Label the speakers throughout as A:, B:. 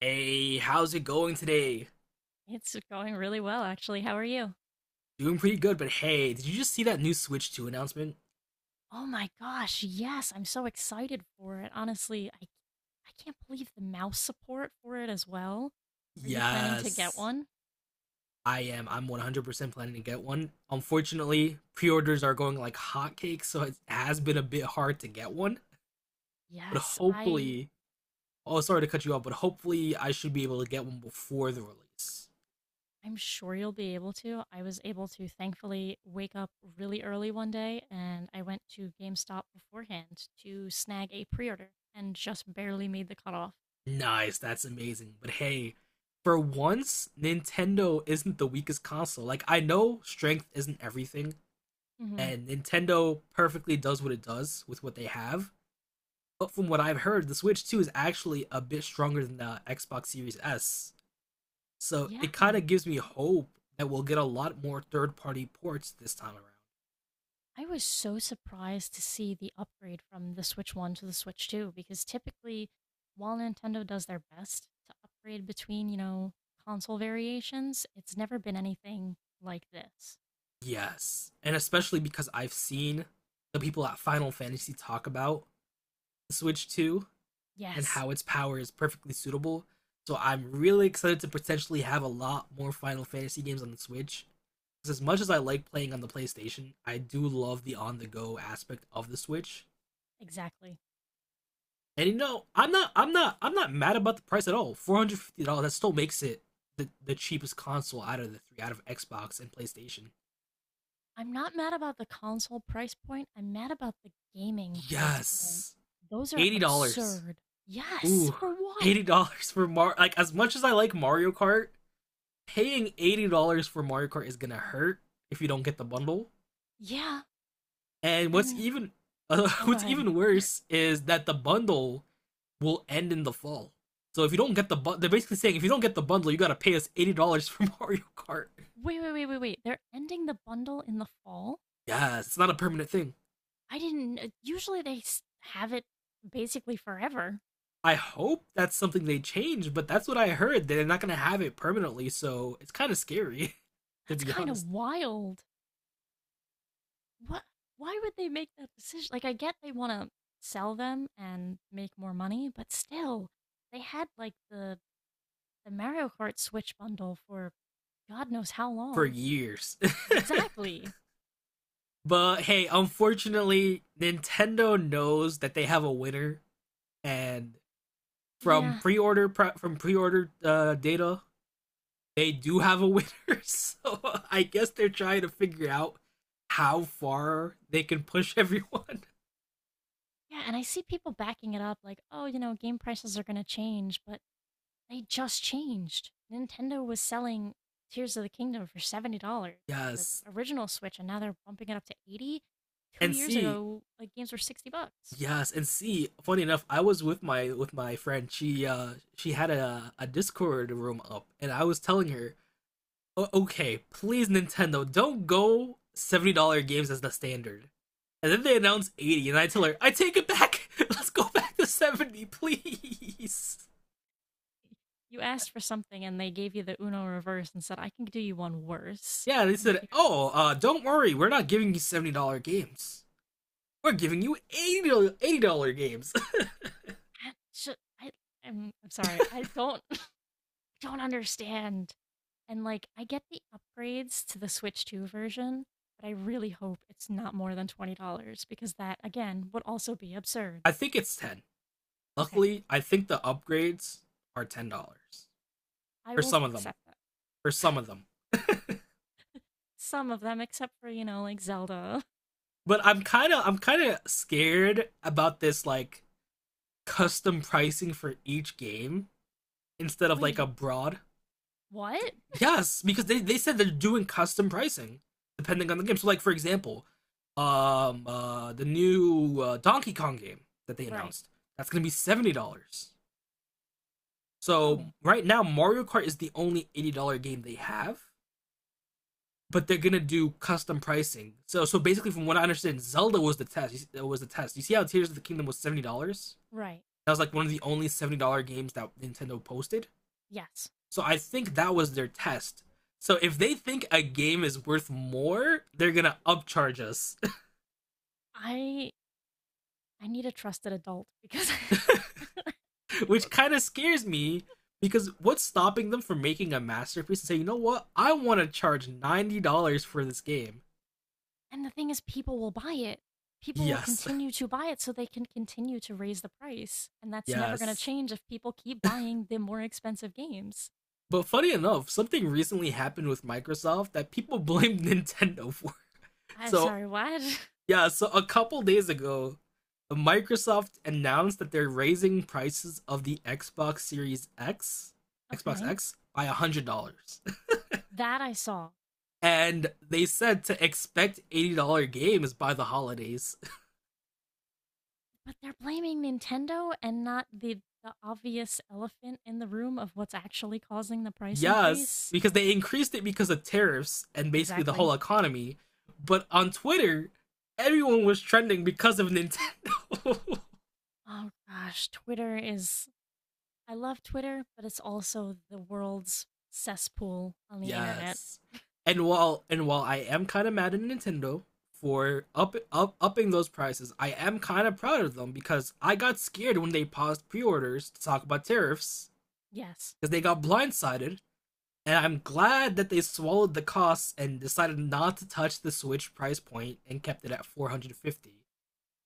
A: Hey, how's it going today?
B: It's going really well, actually. How are you?
A: Doing pretty good, but hey, did you just see that new Switch 2 announcement?
B: Oh my gosh, yes, I'm so excited for it. Honestly, I can't believe the mouse support for it as well. Are you planning to get
A: Yes,
B: one?
A: I am. I'm 100% planning to get one. Unfortunately, pre orders are going like hotcakes, so it has been a bit hard to get one. But
B: Yes, I
A: hopefully, oh, sorry to cut you off, but hopefully, I should be able to get one before the release.
B: I'm sure you'll be able to. I was able to thankfully wake up really early one day and I went to GameStop beforehand to snag a pre-order and just barely made the cutoff.
A: Nice, that's amazing. But hey, for once, Nintendo isn't the weakest console. Like, I know strength isn't everything,
B: Mhm.
A: and Nintendo perfectly does what it does with what they have. But from what I've heard, the Switch 2 is actually a bit stronger than the Xbox Series S. So
B: Yeah.
A: it kind of gives me hope that we'll get a lot more third party ports this time around.
B: I was so surprised to see the upgrade from the Switch 1 to the Switch 2 because typically, while Nintendo does their best to upgrade between, console variations, it's never been anything like this.
A: Yes. And especially because I've seen the people at Final Fantasy talk about the Switch 2 and
B: Yes,
A: how its power is perfectly suitable. So I'm really excited to potentially have a lot more Final Fantasy games on the Switch because as much as I like playing on the PlayStation, I do love the on-the-go aspect of the Switch.
B: exactly.
A: And I'm not mad about the price at all. $450 that still makes it the cheapest console out of the three, out of Xbox and PlayStation.
B: I'm not mad about the console price point, I'm mad about the gaming price point.
A: Yes,
B: Those are
A: $80.
B: absurd. Yes,
A: Ooh,
B: for what?
A: $80 for Mar. Like as much as I like Mario Kart, paying $80 for Mario Kart is gonna hurt if you don't get the bundle.
B: Yeah,
A: And what's
B: and
A: even,
B: oh, go
A: what's
B: ahead.
A: even worse is that the bundle will end in the fall. So if you don't get the bu- they're basically saying if you don't get the bundle, you gotta pay us $80 for Mario Kart.
B: Wait, wait, wait, wait, wait. They're ending the bundle in the fall?
A: Yes, it's not a permanent thing.
B: I didn't. Usually they have it basically forever.
A: I hope that's something they change, but that's what I heard. They're not gonna have it permanently, so it's kind of scary, to
B: That's
A: be
B: kind of
A: honest.
B: wild. What? Why would they make that decision? Like, I get they want to sell them and make more money, but still, they had like the Mario Kart Switch bundle for God knows how
A: For
B: long.
A: years.
B: Exactly.
A: But hey, unfortunately, Nintendo knows that they have a winner, and
B: Yeah.
A: from pre-order data they do have a winner, so I guess they're trying to figure out how far they can push everyone.
B: Yeah. And I see people backing it up, like, oh, game prices are going to change, but they just changed. Nintendo was selling Tears of the Kingdom for $70 for the
A: Yes,
B: original Switch, and now they're bumping it up to 80 dollars. Two
A: and
B: years
A: see,
B: ago, like games were 60 bucks.
A: yes, and see. Funny enough, I was with my friend. She had a Discord room up, and I was telling her, "Oh, okay, please Nintendo, don't go $70 games as the standard. And then they announced 80, and I tell her, I take it back. Let's go back to 70, please.
B: You asked for something, and they gave you the Uno reverse and said, I can do you one worse.
A: Yeah, they
B: And
A: said,
B: here's
A: "Oh, don't worry, we're not giving you $70 games. We're giving you $80 games."
B: that. I, I'm sorry. I don't, I don't understand. And like, I get the upgrades to the Switch 2 version, but I really hope it's not more than $20 because that, again, would also be absurd.
A: I think it's ten.
B: Okay,
A: Luckily, I think the upgrades are $10
B: I
A: for
B: will
A: some of them.
B: accept that.
A: For some of them,
B: Some of them, except for, you know, like Zelda.
A: but I'm kind of scared about this like custom pricing for each game instead of like a
B: Wait,
A: broad.
B: what?
A: Yes, because they said they're doing custom pricing depending on the game. So like for example, the new Donkey Kong game that they
B: Right.
A: announced, that's going to be $70. So
B: Oh,
A: right now Mario Kart is the only $80 game they have, but they're going to do custom pricing. So basically from what I understand, Zelda was the test. It was the test. You see how Tears of the Kingdom was $70?
B: right.
A: That was like one of the only $70 games that Nintendo posted.
B: Yes.
A: So I think that was their test. So if they think a game is worth more, they're gonna upcharge us,
B: I I need a trusted adult because I
A: which
B: don't.
A: kind of scares me because what's stopping them from making a masterpiece and say, you know what, I want to charge $90 for this game?
B: And the thing is people will buy it. People will
A: Yes,
B: continue to buy it so they can continue to raise the price. And that's never going to
A: yes.
B: change if people keep buying the more expensive games.
A: But funny enough, something recently happened with Microsoft that people blamed Nintendo for.
B: I'm
A: So
B: sorry, what?
A: Yeah, so a couple days ago, Microsoft announced that they're raising prices of the Xbox Series X, Xbox
B: Okay.
A: X, by $100.
B: That I saw.
A: And they said to expect $80 games by the holidays.
B: But they're blaming Nintendo and not the obvious elephant in the room of what's actually causing the price
A: Yes,
B: increase.
A: because they increased it because of tariffs and basically the
B: Exactly.
A: whole economy. But on Twitter, everyone was trending because of Nintendo.
B: Oh gosh, Twitter is I love Twitter, but it's also the world's cesspool on the internet.
A: Yes. And while I am kind of mad at Nintendo for up, up upping those prices, I am kind of proud of them because I got scared when they paused pre-orders to talk about tariffs
B: Yes.
A: because they got blindsided, and I'm glad that they swallowed the costs and decided not to touch the Switch price point and kept it at 450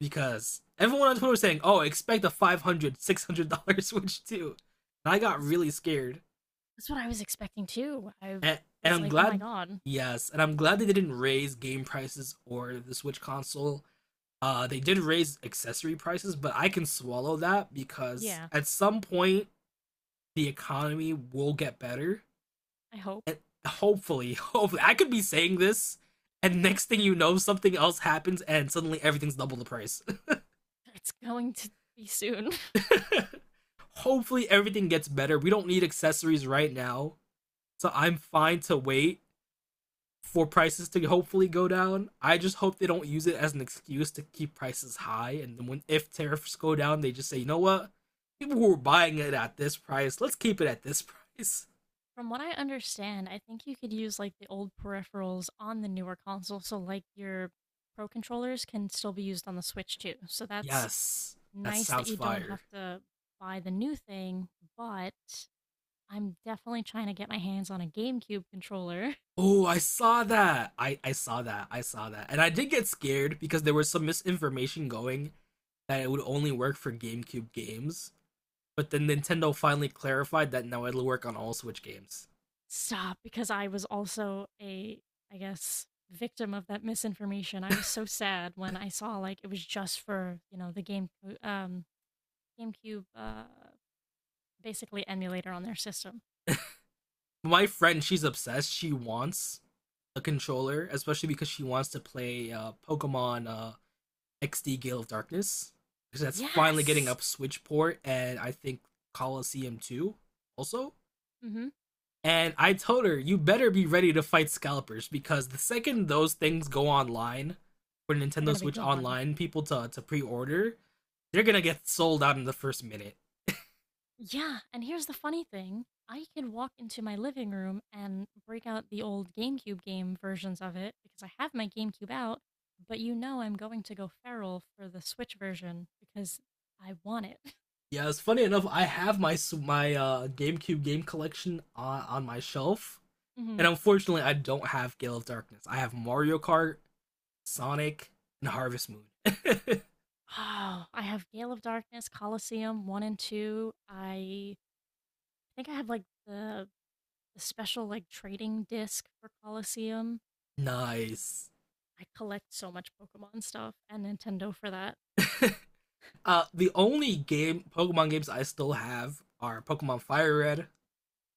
A: because everyone on Twitter was saying, "Oh, expect a 500 $600 Switch too," and I got
B: That's
A: really scared.
B: that's what I was expecting too. I
A: and, and
B: was
A: I'm
B: like, "Oh my
A: glad.
B: god.
A: Yes, and I'm glad they didn't raise game prices or the Switch console. They did raise accessory prices, but I can swallow that because
B: Yeah,
A: at some point the economy will get better,
B: I hope
A: and hopefully, I could be saying this, and next thing you know, something else happens, and suddenly everything's double the price.
B: it's going to be soon."
A: Hopefully, everything gets better. We don't need accessories right now, so I'm fine to wait for prices to hopefully go down. I just hope they don't use it as an excuse to keep prices high. And then when if tariffs go down, they just say, you know what, people who were buying it at this price, let's keep it at this price.
B: From what I understand, I think you could use like the old peripherals on the newer console, so like your pro controllers can still be used on the Switch too. So that's
A: Yes, that
B: nice that
A: sounds
B: you don't
A: fire.
B: have to buy the new thing, but I'm definitely trying to get my hands on a GameCube controller.
A: Oh, I saw that. I saw that. I saw that, and I did get scared because there was some misinformation going that it would only work for GameCube games. But then Nintendo finally clarified that now it'll work on all Switch games.
B: Stop, because I was also a, I guess, victim of that misinformation. I was so sad when I saw like it was just for, the game um GameCube basically emulator on their system.
A: My friend, she's obsessed. She wants a controller, especially because she wants to play Pokemon XD Gale of Darkness. Because that's finally getting
B: Yes.
A: up Switch port, and I think Coliseum 2 also.
B: Hmm.
A: And I told her, you better be ready to fight scalpers because the second those things go online for
B: They're going
A: Nintendo
B: to be
A: Switch
B: gone.
A: Online, people to pre order, they're gonna get sold out in the first minute.
B: Yeah. And here's the funny thing I can walk into my living room and break out the old GameCube game versions of it because I have my GameCube out, but you know I'm going to go feral for the Switch version because I want it.
A: Yeah, it's funny enough, I have my GameCube game collection on my shelf. And
B: Hmm.
A: unfortunately, I don't have Gale of Darkness. I have Mario Kart, Sonic, and Harvest Moon.
B: Oh, I have Gale of Darkness, Coliseum 1 and 2. I think I have like the special like trading disc for Coliseum.
A: Nice.
B: I collect so much Pokemon stuff and Nintendo for that.
A: The only game Pokemon games I still have are Pokemon Fire Red,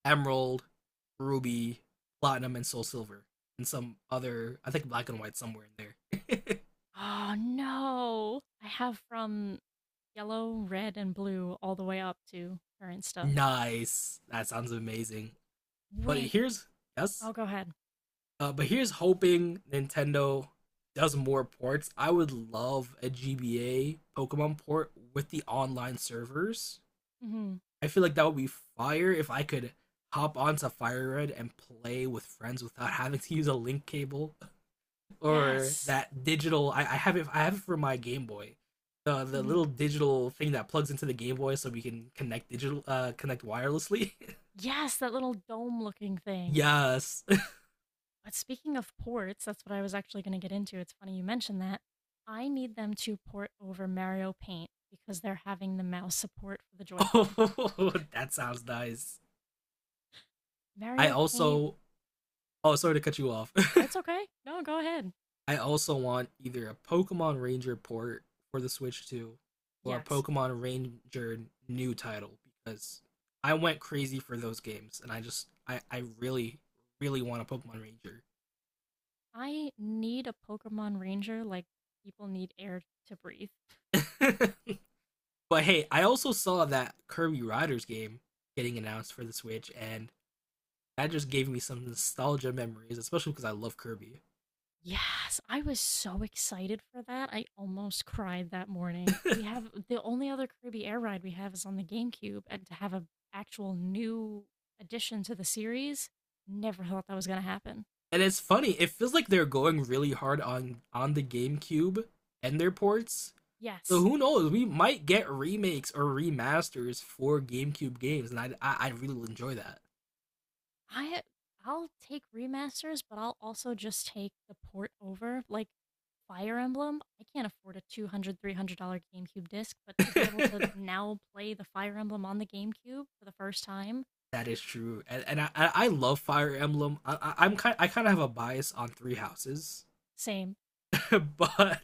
A: Emerald, Ruby, Platinum, and Soul Silver, and some other. I think Black and White somewhere in there.
B: Oh no! I have from yellow, red, and blue all the way up to current stuff.
A: Nice. That sounds amazing. But
B: Wait.
A: here's Yes,
B: Oh, go ahead.
A: But here's hoping Nintendo does more ports. I would love a GBA Pokemon port with the online servers.
B: Hmm.
A: I feel like that would be fire if I could hop onto Fire Red and play with friends without having to use a link cable or
B: Yes.
A: that digital. I have it. I have it for my Game Boy. The
B: Hmm.
A: little digital thing that plugs into the Game Boy so we can connect wirelessly.
B: Yes, that little dome looking thing.
A: Yes.
B: But speaking of ports, that's what I was actually going to get into. It's funny you mentioned that. I need them to port over Mario Paint because they're having the mouse support for the Joy-Con.
A: Oh, that sounds nice. I
B: Mario Paint,
A: also Oh, sorry to cut you off.
B: it's okay. No, go ahead.
A: I also want either a Pokemon Ranger port for the Switch 2 or a
B: Yes.
A: Pokemon Ranger new title because I went crazy for those games and I really really want a Pokemon Ranger.
B: I need a Pokemon Ranger like people need air to breathe.
A: But hey, I also saw that Kirby Riders game getting announced for the Switch and that just gave me some nostalgia memories, especially because I love Kirby.
B: Yes, I was so excited for that. I almost cried that morning. We have the only other Kirby Air ride we have is on the GameCube, and to have an actual new addition to the series, never thought that was going to happen.
A: And it's funny, it feels like they're going really hard on the GameCube and their ports. So
B: Yes.
A: who knows? We might get remakes or remasters for GameCube games, and I really will enjoy that.
B: I I'll take remasters, but I'll also just take the port over. Like Fire Emblem, I can't afford a $200, $300 GameCube disc, but to be able to now play the Fire Emblem on the GameCube for the first time,
A: That is true, and I love Fire Emblem. I kind of have a bias on Three Houses,
B: same.
A: but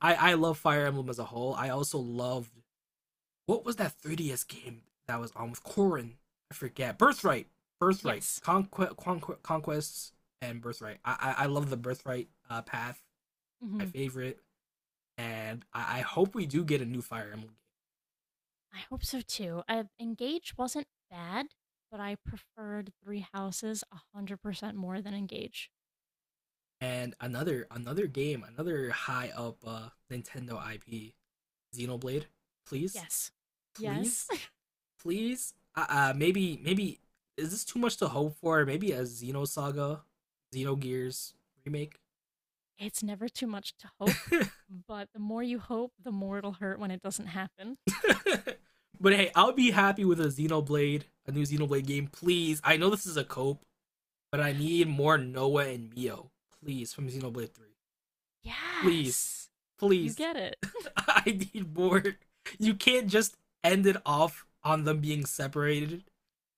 A: I love Fire Emblem as a whole. I also loved what was that 3DS game that was on with Corrin? I forget. Birthright, Birthright,
B: Yes.
A: Conquest, Conquest, Conquests, and Birthright. I love the Birthright path. My
B: Hmm.
A: favorite. And I hope we do get a new Fire Emblem game.
B: I hope so too. Engage wasn't bad, but I preferred Three Houses 100% more than Engage.
A: And another game, another high up Nintendo IP, Xenoblade. Please,
B: Yes. Yes.
A: please, please. Maybe is this too much to hope for? Maybe a Xenosaga, Xenogears remake.
B: It's never too much to hope, but the more you hope, the more it'll hurt when it doesn't happen.
A: But hey, I'll be happy with a new Xenoblade game, please. I know this is a cope, but I need more Noah and Mio, please, from Xenoblade Three. Please,
B: Yes. You
A: please,
B: get it.
A: I need more. You can't just end it off on them being separated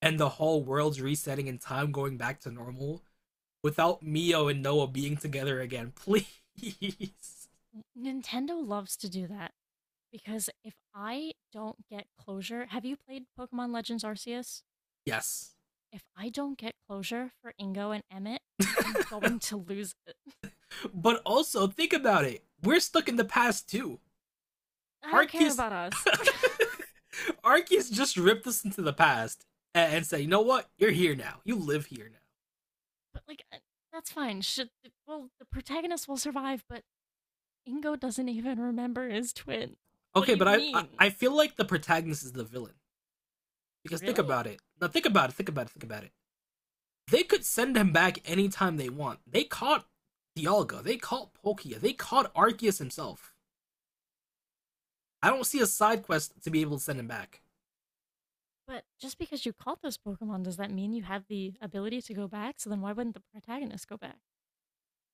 A: and the whole world's resetting and time going back to normal without Mio and Noah being together again. Please.
B: Nintendo loves to do that because if I don't get closure, have you played Pokemon Legends Arceus?
A: Yes.
B: If I don't get closure for Ingo and Emmett, I'm going to lose it.
A: But also, think about it. We're stuck in the past too.
B: I don't care
A: Arceus.
B: about us. But
A: Arceus just ripped us into the past and said, you know what? You're here now. You live here now.
B: like uh, that's fine. Should Well the protagonist will survive, but Ingo doesn't even remember his twin. What do
A: Okay, but
B: you
A: I, I,
B: mean?
A: I feel like the protagonist is the villain. Because think
B: Really?
A: about it. Now think about it. Think about it. Think about it. They could send him back anytime they want. They caught Dialga. They caught Palkia. They caught Arceus himself. I don't see a side quest to be able to send him back.
B: But just because you caught those Pokemon, does that mean you have the ability to go back? So then why wouldn't the protagonist go back?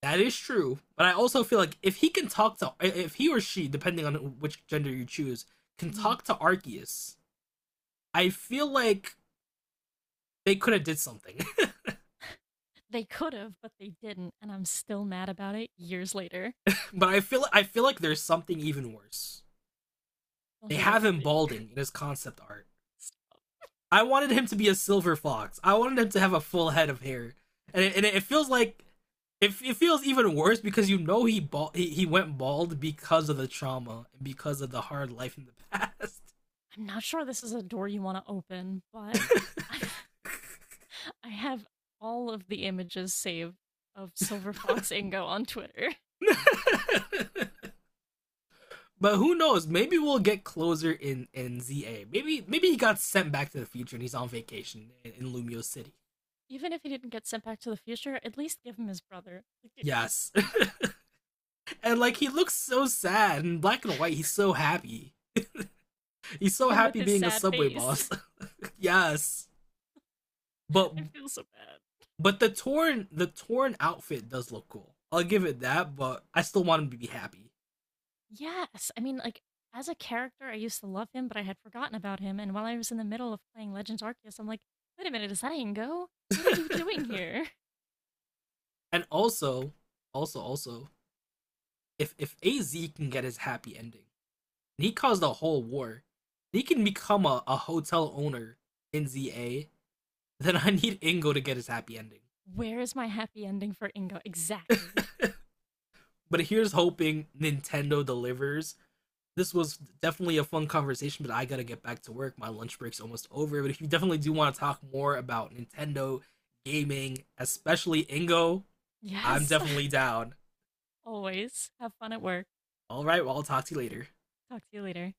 A: That is true, but I also feel like if he can talk to, if he or she, depending on which gender you choose, can
B: Mhm.
A: talk to Arceus, I feel like they could have did something.
B: They could have, but they didn't, and I'm still mad about it years later.
A: But I feel like there's something even worse.
B: Don't
A: They
B: do that
A: have
B: to
A: him
B: me.
A: balding in his concept art. I wanted him to be a silver fox. I wanted him to have a full head of hair, and it feels like it feels even worse because he went bald because of the trauma and because of the hard life in the past.
B: I'm not sure this is a door you want to open, but I have all of the images saved of Silver Fox Ingo on Twitter.
A: But who knows? Maybe we'll get closer in ZA. Maybe he got sent back to the future and he's on vacation in Lumio City.
B: Even if he didn't get sent back to the future, at least give him his brother. Like, just-
A: Yes, and like he looks so sad in black and white. He's so happy. He's so
B: even with
A: happy
B: his
A: being a
B: sad
A: subway
B: face,
A: boss. Yes, but
B: I feel so bad.
A: But the torn outfit does look cool. I'll give it that, but I still want him to be happy.
B: Yes. I mean, like, as a character, I used to love him, but I had forgotten about him. And while I was in the middle of playing Legends Arceus, I'm like, wait a minute, is that Ingo? What are you doing here?
A: And also, also, also, if AZ can get his happy ending, and he caused a whole war, he can become a hotel owner in ZA, then I need Ingo to get his happy ending.
B: Where is my happy ending for Ingo? Exactly.
A: But here's hoping Nintendo delivers. This was definitely a fun conversation, but I gotta get back to work. My lunch break's almost over. But if you definitely do want to talk more about Nintendo gaming, especially Ingo, I'm
B: Yes.
A: definitely down.
B: Always. Have fun at work.
A: All right, well, I'll talk to you later.
B: Talk to you later.